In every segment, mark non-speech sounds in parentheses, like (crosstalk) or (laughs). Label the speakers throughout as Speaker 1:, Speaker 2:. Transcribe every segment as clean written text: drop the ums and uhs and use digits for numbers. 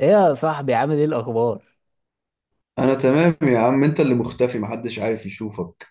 Speaker 1: ايه يا صاحبي، عامل ايه الاخبار؟
Speaker 2: انا تمام يا عم، انت اللي مختفي، محدش عارف يشوفك.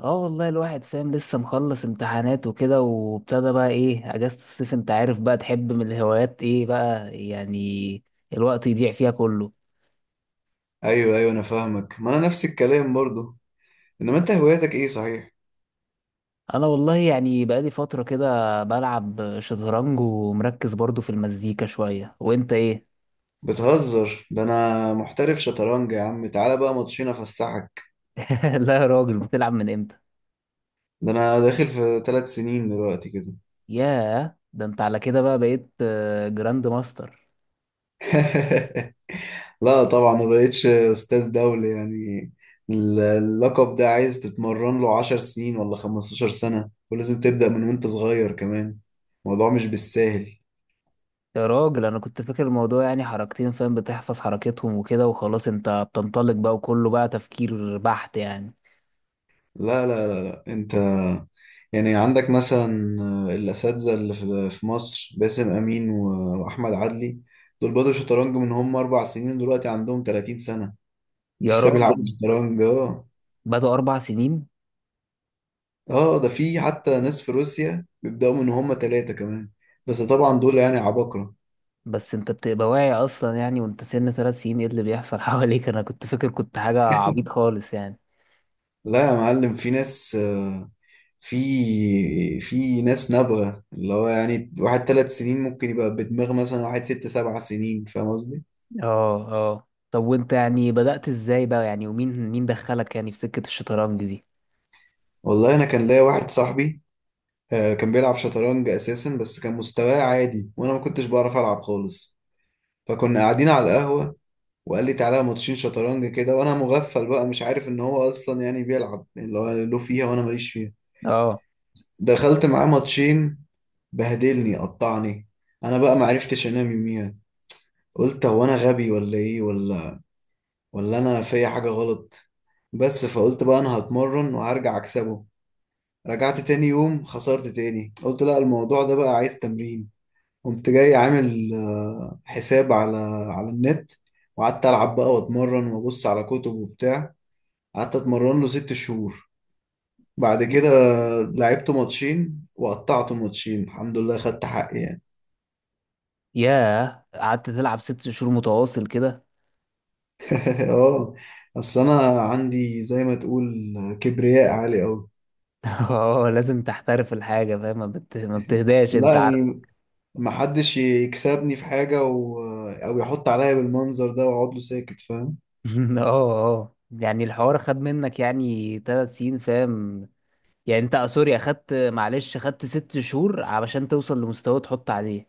Speaker 1: اه والله الواحد فاهم، لسه مخلص امتحانات وكده وابتدى بقى ايه اجازة الصيف. انت عارف بقى، تحب من الهوايات ايه بقى يعني الوقت يضيع فيها كله؟
Speaker 2: ايوه ايوه، انا فاهمك. ما انا نفس الكلام برضو. انما انت هواياتك ايه صحيح؟
Speaker 1: انا والله يعني بقالي فترة كده بلعب شطرنج ومركز برضو في المزيكا شوية، وانت ايه؟
Speaker 2: بتهزر؟ ده انا محترف شطرنج يا عم، تعالى بقى ماتشين افسحك.
Speaker 1: (laughs) لا يا راجل، بتلعب من امتى؟
Speaker 2: ده انا داخل في 3 سنين دلوقتي كده.
Speaker 1: ياه، ده انت على كده بقى بقيت جراند ماستر.
Speaker 2: (laughs) لا طبعا، ما بقتش استاذ دولي يعني. اللقب ده عايز تتمرن له 10 سنين ولا 15 سنة، ولازم تبدأ من وانت صغير كمان. الموضوع مش بالساهل.
Speaker 1: يا راجل، انا كنت فاكر الموضوع يعني حركتين فاهم، بتحفظ حركتهم وكده وخلاص انت بتنطلق بقى وكله بقى تفكير بحت يعني.
Speaker 2: لا لا لا لا انت. يعني عندك مثلا، الاساتذه اللي في مصر باسم امين واحمد عدلي. دول بدوا شطرنج من هم 4 سنين، دلوقتي عندهم 30 سنه. (laughs)
Speaker 1: يا
Speaker 2: لسه بيلعبوا
Speaker 1: راجل،
Speaker 2: شطرنج اه.
Speaker 1: بدأوا اربع سنين؟
Speaker 2: اه، ده في حتى ناس في روسيا بيبداوا من هم 3 كمان. بس طبعا دول يعني عباقره.
Speaker 1: بس انت بتبقى واعي اصلا يعني وانت سن ثلاث سنين، ايه اللي بيحصل (laughs) حواليك؟ انا كنت فاكر كنت حاجة عبيط خالص يعني.
Speaker 2: لا يا معلم، في ناس في ناس نابغه. اللي هو يعني واحد 3 سنين ممكن يبقى بدماغ مثلا واحد 6، 7 سنين. فاهم قصدي؟
Speaker 1: اه اه، طب وانت يعني بدأت ازاي بقى يعني، ومين مين دخلك يعني في سكة الشطرنج دي؟
Speaker 2: والله انا كان ليا واحد صاحبي، كان بيلعب شطرنج اساسا، بس كان مستواه عادي وانا ما كنتش بعرف العب خالص. فكنا قاعدين على القهوه وقال لي تعالى ماتشين شطرنج كده، وانا مغفل بقى مش عارف ان هو اصلا يعني بيلعب، يعني اللي هو له فيها وانا ماليش فيها.
Speaker 1: اه.
Speaker 2: دخلت معاه ماتشين، بهدلني قطعني. انا بقى ما عرفتش انام يوميها. قلت هو انا غبي ولا ايه، ولا ولا انا فيا حاجه غلط. بس فقلت بقى انا هتمرن وهرجع اكسبه. رجعت تاني يوم خسرت تاني، قلت لا الموضوع ده بقى عايز تمرين. قمت جاي عامل حساب على النت، وقعدت ألعب بقى وأتمرن وأبص على كتب وبتاع. قعدت أتمرن له 6 شهور، بعد كده لعبت ماتشين وقطعت ماتشين الحمد لله، خدت حقي يعني.
Speaker 1: ياه، قعدت تلعب ست شهور متواصل كده؟
Speaker 2: (laughs) اه. اصل انا عندي زي ما تقول كبرياء عالي قوي.
Speaker 1: (laughs) اه، لازم تحترف الحاجة فاهم، ما بتهداش
Speaker 2: لا
Speaker 1: انت.
Speaker 2: يعني، محدش يكسبني في حاجة او يحط عليا بالمنظر ده واقعد له ساكت، فاهم.
Speaker 1: (laughs) اه اه، يعني الحوار خد منك يعني تلات سنين فاهم. يعني انت سوري، اخدت ست شهور علشان توصل لمستوى تحط عليه.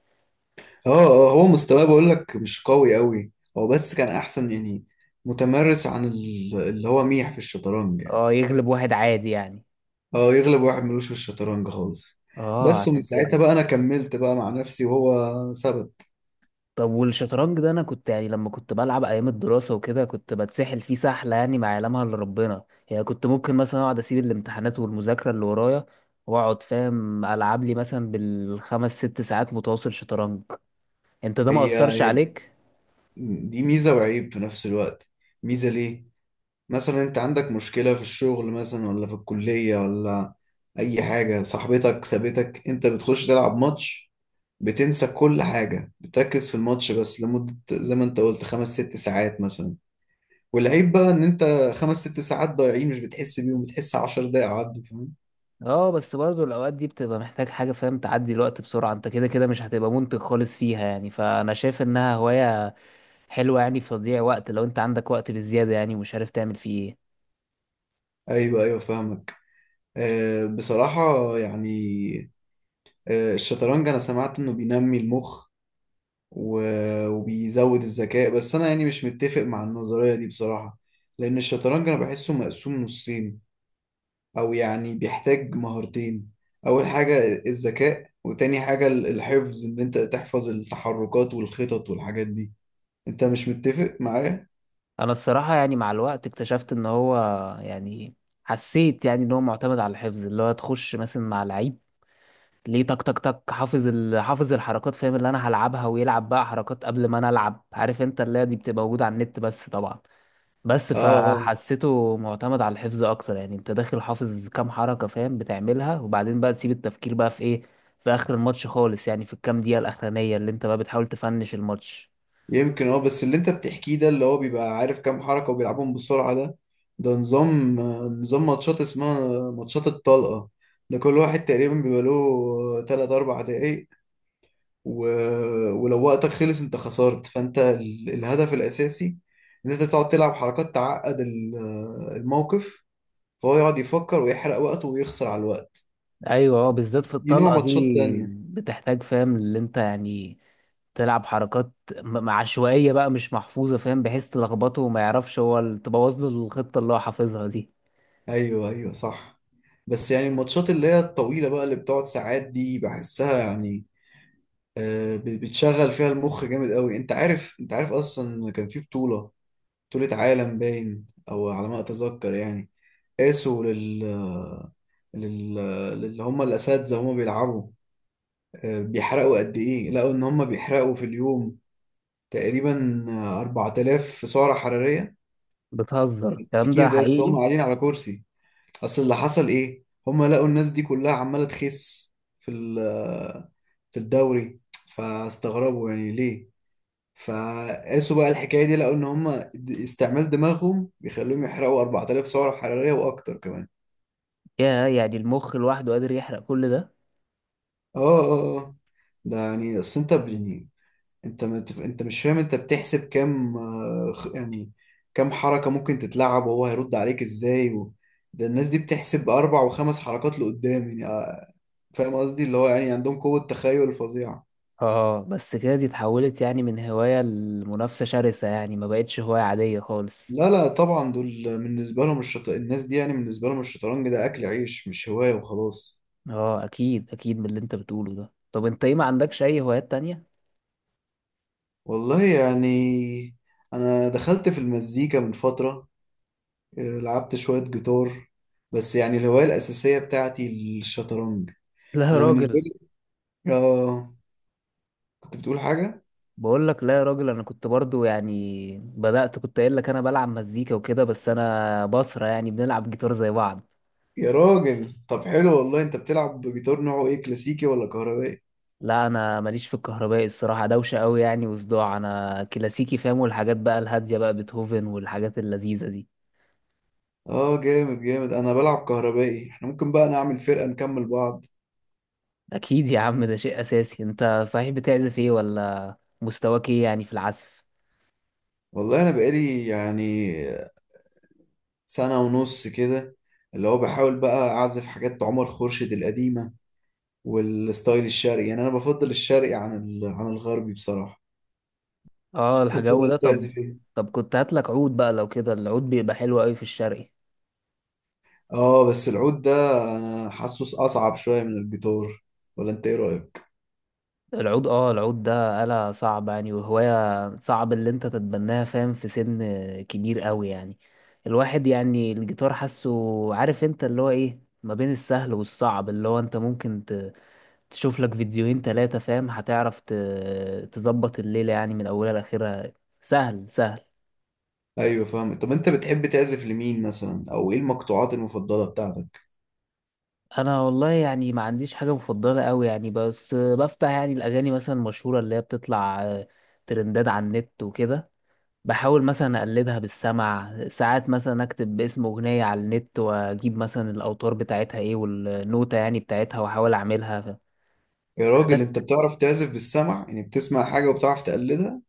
Speaker 2: اه اه، هو مستواه بقول لك مش قوي قوي. هو بس كان احسن يعني، متمرس عن اللي هو ميح في الشطرنج يعني.
Speaker 1: اه، يغلب واحد عادي يعني.
Speaker 2: اه يغلب واحد ملوش في الشطرنج خالص.
Speaker 1: اه،
Speaker 2: بس ومن
Speaker 1: عشان كده.
Speaker 2: ساعتها بقى انا كملت بقى مع نفسي، وهو ثبت.
Speaker 1: طب والشطرنج ده، انا كنت يعني لما كنت بلعب ايام الدراسة وكده كنت بتسحل فيه سحلة يعني ما يعلمها الا ربنا. يعني كنت ممكن مثلا اقعد اسيب الامتحانات والمذاكرة اللي ورايا، واقعد فاهم العب لي مثلا بالخمس ست ساعات متواصل شطرنج. انت ده ما
Speaker 2: هي
Speaker 1: اثرش
Speaker 2: هي
Speaker 1: عليك؟
Speaker 2: دي ميزة وعيب في نفس الوقت. ميزة ليه؟ مثلا انت عندك مشكلة في الشغل مثلا، ولا في الكلية، ولا اي حاجة صاحبتك سابتك، انت بتخش تلعب ماتش، بتنسى كل حاجة، بتركز في الماتش بس لمدة زي ما انت قلت 5، 6 ساعات مثلا. والعيب بقى ان انت 5، 6 ساعات ضايعين مش بتحس بيهم، بتحس 10 دقايق عدوا، فاهم.
Speaker 1: اه، بس برضه الاوقات دي بتبقى محتاج حاجه فاهم تعدي الوقت بسرعه. انت كده كده مش هتبقى منتج خالص فيها يعني، فانا شايف انها هوايه حلوه يعني في تضييع وقت لو انت عندك وقت بالزياده يعني ومش عارف تعمل فيه ايه.
Speaker 2: ايوه ايوه، فاهمك. بصراحة يعني، الشطرنج انا سمعت انه بينمي المخ وبيزود الذكاء، بس انا يعني مش متفق مع النظرية دي بصراحة. لان الشطرنج انا بحسه مقسوم نصين، او يعني بيحتاج مهارتين. اول حاجة الذكاء، وتاني حاجة الحفظ، ان انت تحفظ التحركات والخطط والحاجات دي. انت مش متفق معايا.
Speaker 1: انا الصراحه يعني مع الوقت اكتشفت ان هو يعني، حسيت يعني ان هو معتمد على الحفظ. اللي هو تخش مثلا مع لعيب، ليه؟ تك تك تك، حافظ الحركات فاهم اللي انا هلعبها، ويلعب بقى حركات قبل ما انا العب. عارف انت، اللي هي دي بتبقى موجوده على النت بس طبعا. بس
Speaker 2: اه اه،
Speaker 1: فحسيته معتمد على الحفظ اكتر يعني، انت داخل حافظ كام حركة فاهم بتعملها، وبعدين بقى تسيب التفكير بقى في ايه؟ في اخر الماتش خالص يعني، في الكام دقيقة الاخرانية اللي انت بقى بتحاول تفنش الماتش.
Speaker 2: يمكن. اه بس اللي انت بتحكيه ده، اللي هو بيبقى عارف كام حركة وبيلعبهم بسرعة ده، نظام ماتشات اسمها ماتشات الطلقة. ده كل واحد تقريبا بيبقى له 3، 4 دقايق، و... ولو وقتك خلص انت خسرت. فانت الهدف الاساسي ان انت تقعد تلعب حركات تعقد الموقف، فهو يقعد يفكر ويحرق وقته ويخسر على الوقت.
Speaker 1: ايوه، اه، بالذات في
Speaker 2: دي نوع
Speaker 1: الطلقة
Speaker 2: ماتشات
Speaker 1: دي
Speaker 2: تانية.
Speaker 1: بتحتاج فاهم اللي انت يعني تلعب حركات عشوائية بقى، مش محفوظة فاهم، بحيث تلخبطه وما يعرفش هو، تبوظ له الخطة اللي هو حافظها دي.
Speaker 2: ايوه ايوه صح. بس يعني الماتشات اللي هي الطويلة بقى اللي بتقعد ساعات دي، بحسها يعني بتشغل فيها المخ جامد قوي. انت عارف انت عارف اصلا كان في بطولة، بطولة عالم باين او على ما اتذكر يعني، قاسوا لل... للي هم الاساتذة هم بيلعبوا بيحرقوا قد إيه. لقوا إن هم بيحرقوا في اليوم تقريبا 4000 سعرة حرارية،
Speaker 1: بتهزر، الكلام ده
Speaker 2: تفكير بس هم
Speaker 1: حقيقي؟
Speaker 2: قاعدين على كرسي. أصل اللي حصل إيه، هم لقوا الناس دي كلها عمالة تخس في في الدوري، فاستغربوا يعني ليه. فقاسوا بقى الحكاية دي، لقوا إن هم استعمال دماغهم بيخليهم يحرقوا 4000 سعرة حرارية وأكتر كمان.
Speaker 1: يا، يعني المخ لوحده قادر يحرق كل ده؟
Speaker 2: اه اه اه. ده يعني اصل انت، انت مش فاهم. انت بتحسب كام، يعني كام حركة ممكن تتلعب، وهو هيرد عليك ازاي ده الناس دي بتحسب 4، 5 حركات لقدام يعني، فاهم قصدي. اللي هو يعني عندهم قوة تخيل فظيعة.
Speaker 1: اه، بس كده دي اتحولت يعني من هواية لمنافسة شرسة، يعني ما بقتش هواية عادية خالص.
Speaker 2: لا لا طبعا، دول بالنسبة لهم الناس دي يعني بالنسبة لهم الشطرنج ده أكل عيش مش هواية وخلاص.
Speaker 1: اه، اكيد اكيد، من اللي انت بتقوله ده. طب انت ايه، ما عندكش اي هوايات تانية؟
Speaker 2: والله يعني، أنا دخلت في المزيكا من فترة، لعبت شوية جيتار، بس يعني الهواية الأساسية بتاعتي الشطرنج.
Speaker 1: لا يا
Speaker 2: أنا بالنسبة
Speaker 1: راجل.
Speaker 2: لي آه كنت بتقول حاجة؟
Speaker 1: بقول لك، لا يا راجل، انا كنت برضو يعني بدأت، كنت قايل لك انا بلعب مزيكا وكده، بس انا بصرة يعني بنلعب جيتار زي بعض.
Speaker 2: يا راجل طب حلو والله. انت بتلعب بجيتار نوعه ايه، كلاسيكي ولا كهربائي؟
Speaker 1: لا، انا ماليش في الكهربائي الصراحة، دوشة قوي يعني وصداع، انا كلاسيكي فاهم، والحاجات بقى الهادية بقى، بيتهوفن والحاجات اللذيذة دي.
Speaker 2: اه جامد جامد، انا بلعب كهربائي. احنا ممكن بقى نعمل فرقة نكمل بعض.
Speaker 1: اكيد يا عم، ده شيء اساسي. انت صحيح بتعزف ايه ولا مستواك ايه يعني في العزف؟
Speaker 2: والله انا بقالي يعني 1.5 سنة كده، اللي هو بحاول بقى اعزف حاجات عمر خورشيد القديمة والستايل الشرقي. يعني انا بفضل الشرقي عن عن الغربي بصراحة.
Speaker 1: اه،
Speaker 2: انت
Speaker 1: الجو
Speaker 2: بقى
Speaker 1: ده، طب.
Speaker 2: بتعزف ايه؟
Speaker 1: طب كنت هاتلك عود بقى لو كده، العود بيبقى حلو قوي في الشرقي.
Speaker 2: اه بس العود ده انا حاسه اصعب شوية من الجيتار، ولا انت ايه رأيك؟
Speaker 1: العود، العود ده آلة صعبة يعني، وهواية صعب اللي انت تتبناها فاهم في سن كبير قوي يعني. الواحد يعني الجيتار حاسه، عارف انت اللي هو ايه، ما بين السهل والصعب. اللي هو انت ممكن تشوف لك فيديوهين تلاتة فاهم، هتعرف تظبط الليلة يعني من اولها لاخرها. سهل سهل.
Speaker 2: ايوه فاهم. طب انت بتحب تعزف لمين مثلا، او ايه المقطوعات المفضله بتاعتك؟
Speaker 1: انا والله يعني ما عنديش حاجه مفضله قوي يعني، بس بفتح يعني الاغاني مثلا المشهوره اللي هي بتطلع ترندات على النت وكده. بحاول مثلا اقلدها بالسمع، ساعات مثلا اكتب اسم اغنيه على النت واجيب مثلا الاوتار بتاعتها ايه والنوتة يعني بتاعتها، واحاول اعملها.
Speaker 2: يا راجل انت بتعرف تعزف بالسمع يعني، بتسمع حاجه وبتعرف تقلدها؟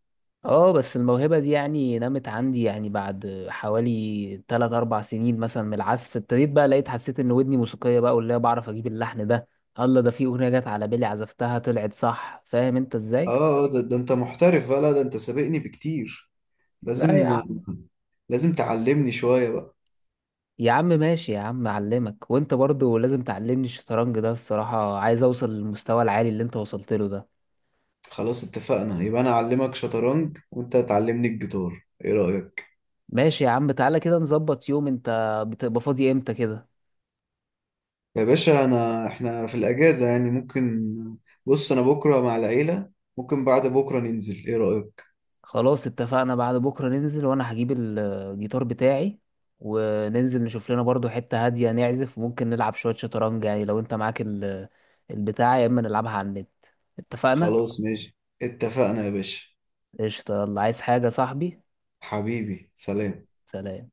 Speaker 1: اه، بس الموهبة دي يعني نمت عندي يعني بعد حوالي 3 4 سنين مثلا من العزف، ابتديت بقى لقيت حسيت ان ودني موسيقية بقى، واللي هي بعرف اجيب اللحن ده. الله، ده في اغنية جت على بالي عزفتها طلعت صح، فاهم انت
Speaker 2: اه،
Speaker 1: ازاي.
Speaker 2: ده انت محترف بقى. لا ده انت سابقني بكتير.
Speaker 1: لا يا
Speaker 2: لازم
Speaker 1: عم.
Speaker 2: لازم تعلمني شويه بقى.
Speaker 1: يا عم ماشي يا عم، اعلمك وانت برضو لازم تعلمني الشطرنج ده، الصراحة عايز اوصل للمستوى العالي اللي انت وصلت له ده.
Speaker 2: خلاص اتفقنا، يبقى انا اعلمك شطرنج وانت تعلمني الجيتار، ايه رايك؟
Speaker 1: ماشي يا عم، تعالى كده نظبط يوم. انت بتبقى فاضي امتى كده؟
Speaker 2: يا باشا، انا احنا في الاجازه يعني ممكن. بص انا بكره مع العيله، ممكن بعد بكره ننزل، ايه رايك؟
Speaker 1: خلاص اتفقنا، بعد بكرة ننزل، وانا هجيب الجيتار بتاعي وننزل نشوف لنا برضو حتة هادية نعزف، وممكن نلعب شوية شطرنج يعني لو انت معاك البتاع، يا اما نلعبها على النت. اتفقنا.
Speaker 2: خلاص ماشي اتفقنا يا باشا.
Speaker 1: قشطة، يلا، عايز حاجة يا صاحبي؟
Speaker 2: حبيبي سلام.
Speaker 1: سلام.